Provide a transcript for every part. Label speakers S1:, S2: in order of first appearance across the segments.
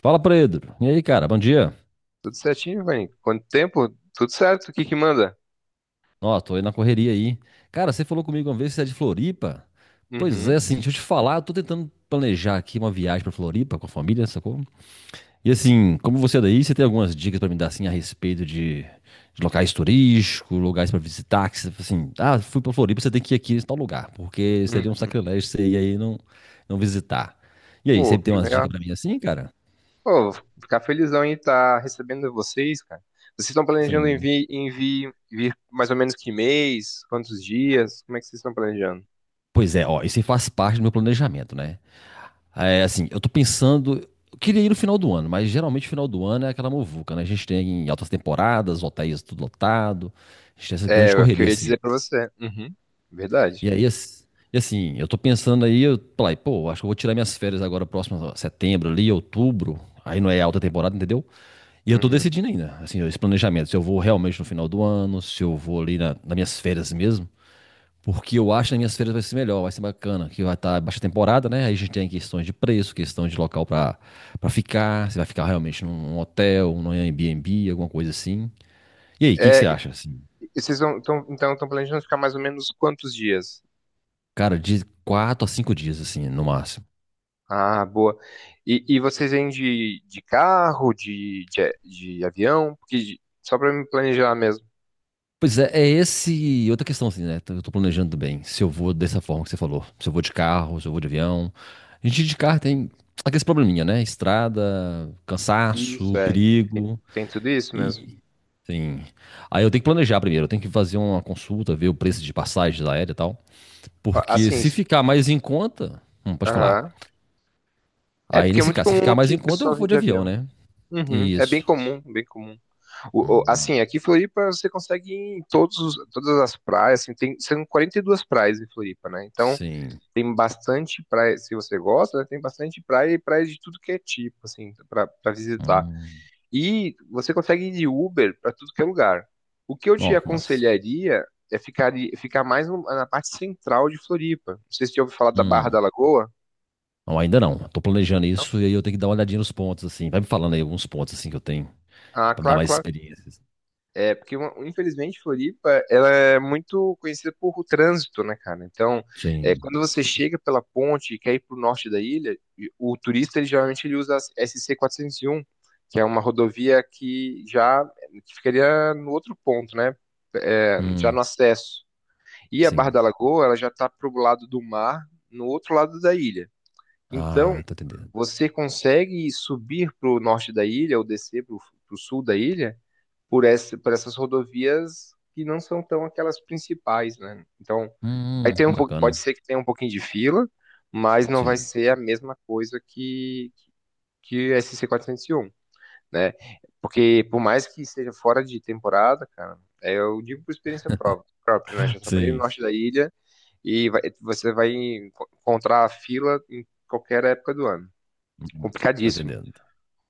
S1: Fala, Pedro. E aí, cara? Bom dia.
S2: Tudo certinho, Vani. Quanto tempo? Tudo certo. O que que manda?
S1: Ó, tô aí na correria aí. Cara, você falou comigo uma vez que você é de Floripa? Pois
S2: Uhum,
S1: é, assim, deixa eu te falar, eu tô tentando planejar aqui uma viagem pra Floripa com a família, sacou? E assim, como você é daí, você tem algumas dicas pra me dar, assim, a respeito de locais turísticos, lugares pra visitar, que você, assim, ah, fui pra Floripa, você tem que ir aqui em tal lugar, porque seria um
S2: uhum.
S1: sacrilégio você ir aí e não visitar. E aí,
S2: Pô,
S1: você tem
S2: que
S1: umas
S2: legal.
S1: dicas pra mim assim, cara?
S2: Pô, vou ficar felizão em estar recebendo vocês, cara. Vocês estão planejando em
S1: Sim.
S2: vir, em vir, vir mais ou menos que mês? Quantos dias? Como é que vocês estão planejando?
S1: Pois é, ó, isso aí faz parte do meu planejamento, né? É, assim, eu tô pensando. Eu queria ir no final do ano, mas geralmente o final do ano é aquela muvuca, né? A gente tem altas temporadas, hotéis tudo lotado, a gente tem essa
S2: É, é
S1: grande
S2: o que eu
S1: correria,
S2: ia
S1: assim.
S2: dizer pra você. Uhum, verdade.
S1: E aí, e assim, eu tô pensando aí, eu falei, pô, acho que eu vou tirar minhas férias agora próximo a setembro ali, outubro. Aí não é alta temporada, entendeu? E eu tô
S2: Uhum.
S1: decidindo ainda, assim, esse planejamento, se eu vou realmente no final do ano, se eu vou ali nas minhas férias mesmo. Porque eu acho que nas minhas feiras vai ser melhor, vai ser bacana. Que vai estar baixa temporada, né? Aí a gente tem questões de preço, questão de local para ficar. Se vai ficar realmente num hotel, num Airbnb, alguma coisa assim. E aí, o que, que
S2: É,
S1: você acha, assim?
S2: e vocês então estão planejando ficar mais ou menos quantos dias?
S1: Cara, de 4 a 5 dias, assim, no máximo.
S2: Ah, boa. E vocês vêm de carro, de avião? Porque, só pra me planejar mesmo.
S1: Pois é, é esse. Outra questão, assim, né? Eu tô planejando também. Se eu vou dessa forma que você falou. Se eu vou de carro, se eu vou de avião. A gente de carro tem aquele probleminha, né? Estrada,
S2: Isso,
S1: cansaço,
S2: é.
S1: perigo.
S2: Tem tudo isso mesmo.
S1: E sim. Aí eu tenho que planejar primeiro, eu tenho que fazer uma consulta, ver o preço de passagens aérea e tal. Porque
S2: Assim,
S1: se ficar mais em conta. Pode falar.
S2: aham. É,
S1: Aí
S2: porque é
S1: nesse
S2: muito
S1: caso, se
S2: comum
S1: ficar mais
S2: aqui
S1: em
S2: o
S1: conta, eu
S2: pessoal vir
S1: vou de
S2: de
S1: avião,
S2: avião.
S1: né?
S2: Uhum. É bem
S1: Isso.
S2: comum, bem comum.
S1: Hum,
S2: Assim, aqui em Floripa você consegue ir em todos, todas as praias, assim, tem, são 42 praias em Floripa, né? Então,
S1: sim.
S2: tem bastante praia, se você gosta, né, tem bastante praia e praia de tudo que é tipo, assim, pra visitar.
S1: Hum.
S2: E você consegue ir de Uber para tudo que é lugar. O que eu te
S1: Ó, que massa.
S2: aconselharia é ficar mais na parte central de Floripa. Não sei se você ouviu falar da Barra
S1: Hum.
S2: da Lagoa.
S1: Não, ainda não. Eu tô planejando
S2: Não?
S1: isso e aí eu tenho que dar uma olhadinha nos pontos, assim. Vai me falando aí alguns pontos, assim, que eu tenho,
S2: Ah,
S1: pra me dar
S2: claro,
S1: mais
S2: claro.
S1: experiências.
S2: É, porque infelizmente Floripa, ela é muito conhecida por o trânsito, né, cara? Então, é,
S1: Sim.
S2: quando você chega pela ponte e quer ir para o norte da ilha, o turista, ele geralmente ele usa a SC401, que é uma rodovia que ficaria no outro ponto, né? É, já
S1: Hum,
S2: no acesso. E a Barra
S1: sim.
S2: da Lagoa, ela já está para o lado do mar, no outro lado da ilha. Então,
S1: Ah, tô entendendo.
S2: você consegue subir para o norte da ilha ou descer para o sul da ilha por essas rodovias que não são tão aquelas principais, né? Então, vai ter um pouco, pode
S1: Bacana.
S2: ser que tenha um pouquinho de fila, mas não vai
S1: Sim.
S2: ser a mesma coisa que SC401, né? Porque por mais que seja fora de temporada, cara, é, eu digo por experiência própria, né? Já trabalhei no
S1: Sim.
S2: norte da ilha e você vai encontrar a fila em qualquer época do ano.
S1: Hum, tô
S2: Complicadíssimo.
S1: entendendo.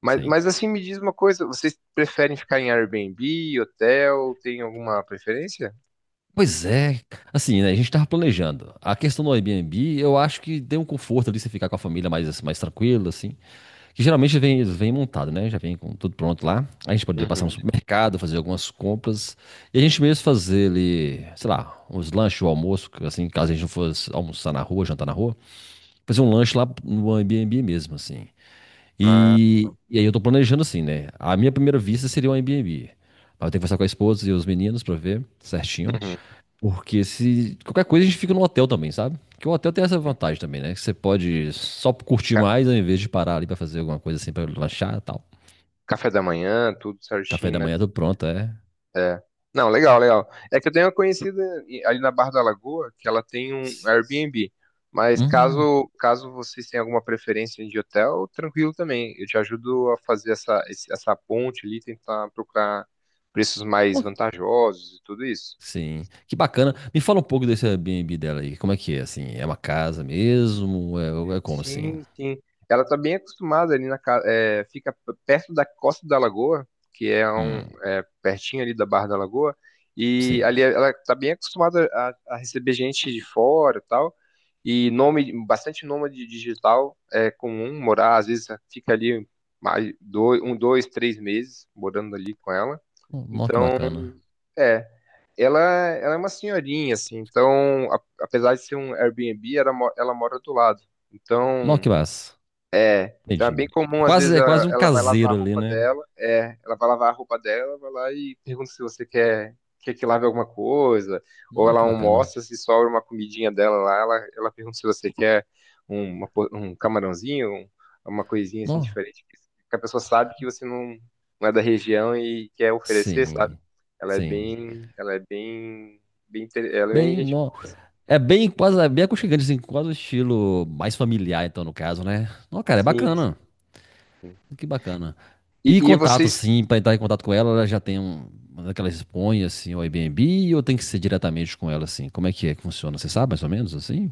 S2: Mas,
S1: Sim.
S2: mas assim, me diz uma coisa, vocês preferem ficar em Airbnb, hotel, tem alguma preferência?
S1: Pois é, assim, né? A gente tava planejando. A questão do Airbnb, eu acho que deu um conforto ali você ficar com a família mais, assim, mais tranquilo, assim. Que geralmente vem montado, né? Já vem com tudo pronto lá. A gente poderia passar no
S2: Uhum.
S1: supermercado, fazer algumas compras. E a gente mesmo fazer ali, sei lá, uns lanches, o almoço, assim, caso a gente não fosse almoçar na rua, jantar na rua. Fazer um lanche lá no Airbnb mesmo, assim.
S2: Ah,
S1: E aí eu tô planejando assim, né? A minha primeira vista seria um Airbnb. Mas eu tenho que conversar com a esposa e os meninos pra ver certinho.
S2: uhum.
S1: Porque se qualquer coisa a gente fica no hotel também, sabe? Porque o hotel tem essa vantagem também, né? Que você pode só curtir
S2: Ca-
S1: mais ao invés de parar ali pra fazer alguma coisa assim, pra lanchar e tal.
S2: Café da manhã, tudo
S1: Café
S2: certinho,
S1: da
S2: né?
S1: manhã tudo pronto, é.
S2: É. Não, legal, legal. É que eu tenho uma conhecida ali na Barra da Lagoa que ela tem um Airbnb. Mas
S1: Uhum.
S2: caso vocês tenham alguma preferência de hotel, tranquilo também. Eu te ajudo a fazer essa ponte ali, tentar procurar preços mais vantajosos e tudo isso.
S1: Sim, que bacana. Me fala um pouco desse Airbnb dela aí. Como é que é, assim? É uma casa mesmo? É como assim?
S2: Sim, sim. Ela está bem acostumada ali na casa, é, fica perto da Costa da Lagoa, que é
S1: Hum,
S2: pertinho ali da Barra da Lagoa, e
S1: sim.
S2: ali ela está bem acostumada a receber gente de fora, e tal. E nome, bastante nômade digital é comum morar, às vezes fica ali mais dois, um, dois, três meses morando ali com ela.
S1: Nó, que
S2: Então,
S1: bacana.
S2: é, ela é uma senhorinha, assim, então, apesar de ser um Airbnb, ela mora do lado.
S1: Nó,
S2: Então,
S1: que massa.
S2: então é bem
S1: Entendi. É
S2: comum, às
S1: quase,
S2: vezes
S1: é quase um
S2: ela vai lavar a
S1: caseiro ali,
S2: roupa
S1: né?
S2: dela, é, ela vai lavar a roupa dela, vai lá e pergunta se você quer, que lave alguma coisa, ou
S1: Nó,
S2: ela
S1: que bacana.
S2: almoça, se sobra uma comidinha dela lá, ela pergunta se você quer um camarãozinho, uma coisinha assim
S1: Nó,
S2: diferente, que a pessoa sabe que você não é da região e quer oferecer, sabe?
S1: sim,
S2: Ela é
S1: sim.
S2: bem, ela é bem, ela é bem
S1: Bem,
S2: gente,
S1: nó. É bem quase, é bem aconchegante, assim, quase o estilo mais familiar, então, no caso, né? Não, cara, é
S2: sim.
S1: bacana.
S2: Sim.
S1: Que bacana.
S2: E,
S1: E
S2: e
S1: contato,
S2: vocês,
S1: assim, pra entrar em contato com ela, ela já tem uma daquelas põe, assim, o Airbnb, ou tem que ser diretamente com ela, assim? Como é que funciona? Você sabe, mais ou menos, assim?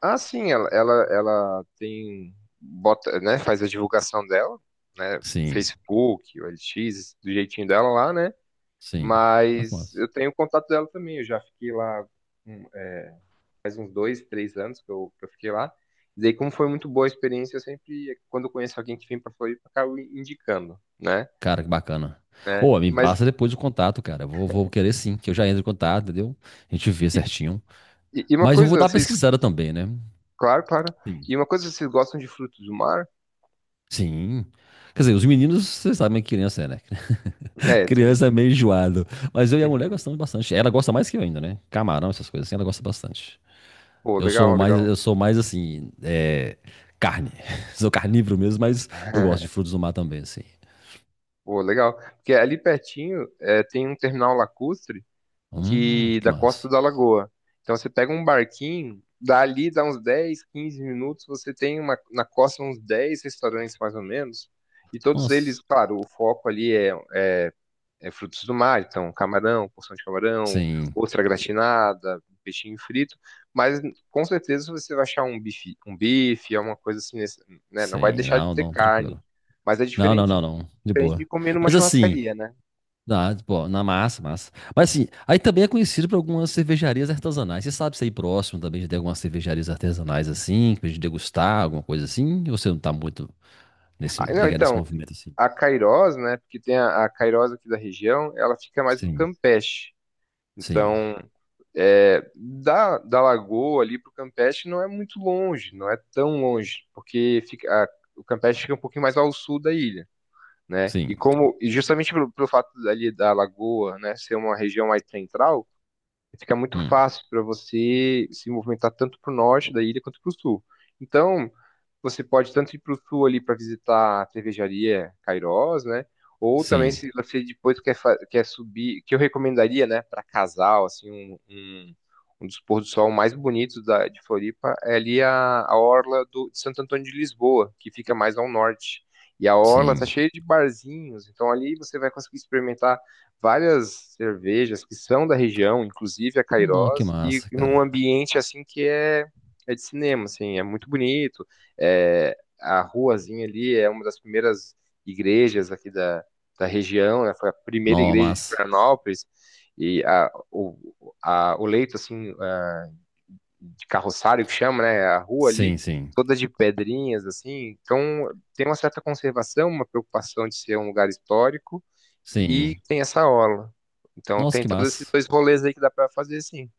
S2: Ah, sim, ela tem, bota, né, faz a divulgação dela, né,
S1: Sim,
S2: Facebook, o LX, do jeitinho dela lá, né,
S1: sim. Olha que
S2: mas
S1: massa.
S2: eu tenho o contato dela também, eu já fiquei lá é, faz uns dois, três anos que eu fiquei lá, e daí como foi muito boa a experiência, eu sempre, quando eu conheço alguém que vem pra Floripa, eu acabo indicando, né,
S1: Cara, que bacana.
S2: né,
S1: Ou, me
S2: mas,
S1: passa depois o contato, cara. Eu vou querer sim, que eu já entro em contato, entendeu? A gente vê certinho.
S2: e uma
S1: Mas eu vou
S2: coisa,
S1: dar uma
S2: vocês,
S1: pesquisada também, né?
S2: claro, claro,
S1: Sim.
S2: e uma coisa, vocês gostam de frutos do mar?
S1: Sim. Quer dizer, os meninos, vocês sabem que criança é, né?
S2: É, tem,
S1: Criança é meio enjoado. Mas eu e a mulher
S2: uhum.
S1: gostamos bastante. Ela gosta mais que eu ainda, né? Camarão, essas coisas assim, ela gosta bastante.
S2: Pô,
S1: Eu sou
S2: legal,
S1: mais,
S2: legal.
S1: eu sou mais assim, carne. Sou carnívoro mesmo, mas eu gosto de frutos do mar também, assim.
S2: Pô, legal. Porque ali pertinho é, tem um terminal lacustre que
S1: Que
S2: da Costa
S1: massa.
S2: da Lagoa. Então você pega um barquinho, dali dá uns 10, 15 minutos, você tem na costa uns 10 restaurantes mais ou menos. E todos
S1: Nossa.
S2: eles, claro, o foco ali é frutos do mar, então camarão, porção de camarão,
S1: Sim,
S2: ostra gratinada, peixinho frito. Mas com certeza você vai achar um bife, alguma coisa assim, né? Não vai
S1: sim.
S2: deixar de
S1: Não,
S2: ter
S1: não,
S2: carne.
S1: tranquilo.
S2: Mas é
S1: Não, não,
S2: diferente,
S1: não, não. De
S2: diferente de
S1: boa.
S2: comer numa
S1: Mas assim,
S2: churrascaria, né?
S1: dá, pô, na massa, massa. Mas assim, aí também é conhecido por algumas cervejarias artesanais. Você sabe se é aí próximo também já tem algumas cervejarias artesanais assim, pra gente degustar, alguma coisa assim? Ou você não tá muito
S2: Ah, não,
S1: ligado nesse
S2: então,
S1: movimento assim?
S2: a Cairós, né, porque tem a Cairós aqui da região, ela fica mais no
S1: Sim,
S2: Campeche.
S1: sim,
S2: Então, é, da Lagoa ali pro Campeche não é muito longe, não é tão longe, porque fica. O Campeche fica um pouquinho mais ao sul da ilha, né? E
S1: sim.
S2: como, e justamente pelo, fato ali da Lagoa, né, ser uma região mais central, fica muito
S1: Hum,
S2: fácil para você se movimentar tanto para o norte da ilha quanto para o sul. Então, você pode tanto ir para o sul ali para visitar a cervejaria Cairós, né? Ou também
S1: sim,
S2: se você depois quer subir, que eu recomendaria, né, para casal, assim, um dos pôr do sol mais bonitos de Floripa é ali a orla de Santo Antônio de Lisboa, que fica mais ao norte. E a orla tá
S1: sim.
S2: cheia de barzinhos, então ali você vai conseguir experimentar várias cervejas que são da região, inclusive a
S1: Nó, que
S2: Cairós, e
S1: massa,
S2: num
S1: cara.
S2: ambiente assim que é de cinema, assim, é muito bonito. É, a ruazinha ali é uma das primeiras igrejas aqui da região, né? Foi a primeira
S1: Nó,
S2: igreja de
S1: massa.
S2: Florianópolis e o leito assim de carroçário que chama, né? É a rua ali
S1: Sim, sim,
S2: toda de pedrinhas assim, então tem uma certa conservação, uma preocupação de ser um lugar histórico e
S1: sim.
S2: tem essa aula. Então
S1: Nossa,
S2: tem
S1: que
S2: todos esses
S1: massa.
S2: dois rolês aí que dá pra fazer sim.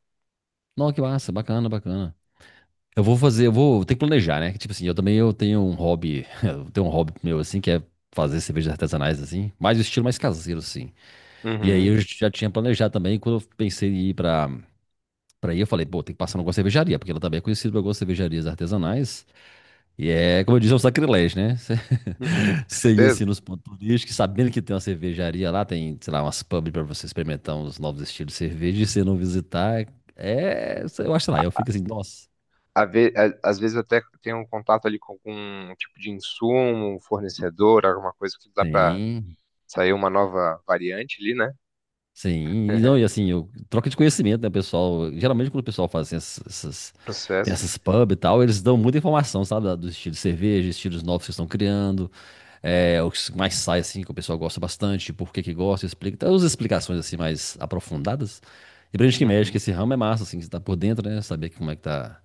S1: Nó, que massa. Bacana, bacana.
S2: Uhum.
S1: Eu vou ter que planejar, né? Tipo assim, eu também eu tenho um hobby, eu tenho um hobby meu assim, que é fazer cervejas artesanais assim, mas o estilo mais caseiro assim. E aí
S2: Uhum.
S1: eu já tinha planejado também, quando eu pensei em ir pra para aí, eu falei, pô, tem que passar numa cervejaria, porque ela também é conhecida por algumas cervejarias artesanais. E é, como eu disse, é um sacrilégio, né? Você
S2: Uhum, com
S1: você ir assim
S2: certeza.
S1: nos pontos turísticos, sabendo que tem uma cervejaria lá, tem, sei lá, umas pubs pra você experimentar uns novos estilos de cerveja e você não visitar, eu acho lá, eu fico assim, nossa.
S2: Às vezes eu até tenho um contato ali com algum tipo de insumo, um fornecedor, alguma coisa que dá pra
S1: Sim.
S2: sair uma nova variante ali, né?
S1: Sim, e não, e assim, troca de conhecimento, né, pessoal? Geralmente quando o pessoal faz assim, tem
S2: Processo, né?
S1: essas pub e tal, eles dão muita informação, sabe? Dos estilos de cerveja, estilos novos que estão criando, o que mais sai, assim, que o pessoal gosta bastante, por que que gosta, explica, traz umas explicações, assim, mais aprofundadas. E pra gente que mexe, que
S2: Uhum.
S1: esse ramo é massa, assim, que você tá por dentro, né? Saber como é que tá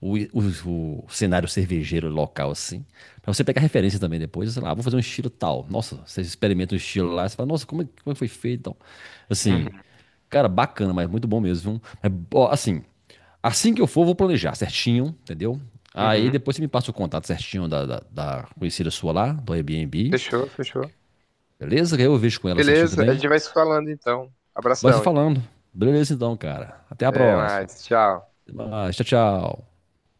S1: o cenário cervejeiro local, assim, pra você pegar referência também depois, sei lá, vou fazer um estilo tal. Nossa, você experimenta um estilo lá, você fala, nossa, como é que foi feito e tal. Assim,
S2: Uhum.
S1: cara, bacana, mas muito bom mesmo. Viu? Mas, ó, assim, assim que eu for, eu vou planejar certinho, entendeu? Aí
S2: Uhum.
S1: depois você me passa o contato certinho da conhecida sua lá, do Airbnb,
S2: Fechou, fechou.
S1: beleza? Que aí eu vejo com ela certinho
S2: Beleza, a
S1: também.
S2: gente vai se falando então.
S1: Vai se
S2: Abração.
S1: falando. Beleza então, cara. Até a
S2: Até
S1: próxima.
S2: mais. Tchau.
S1: Até mais. Tchau, tchau.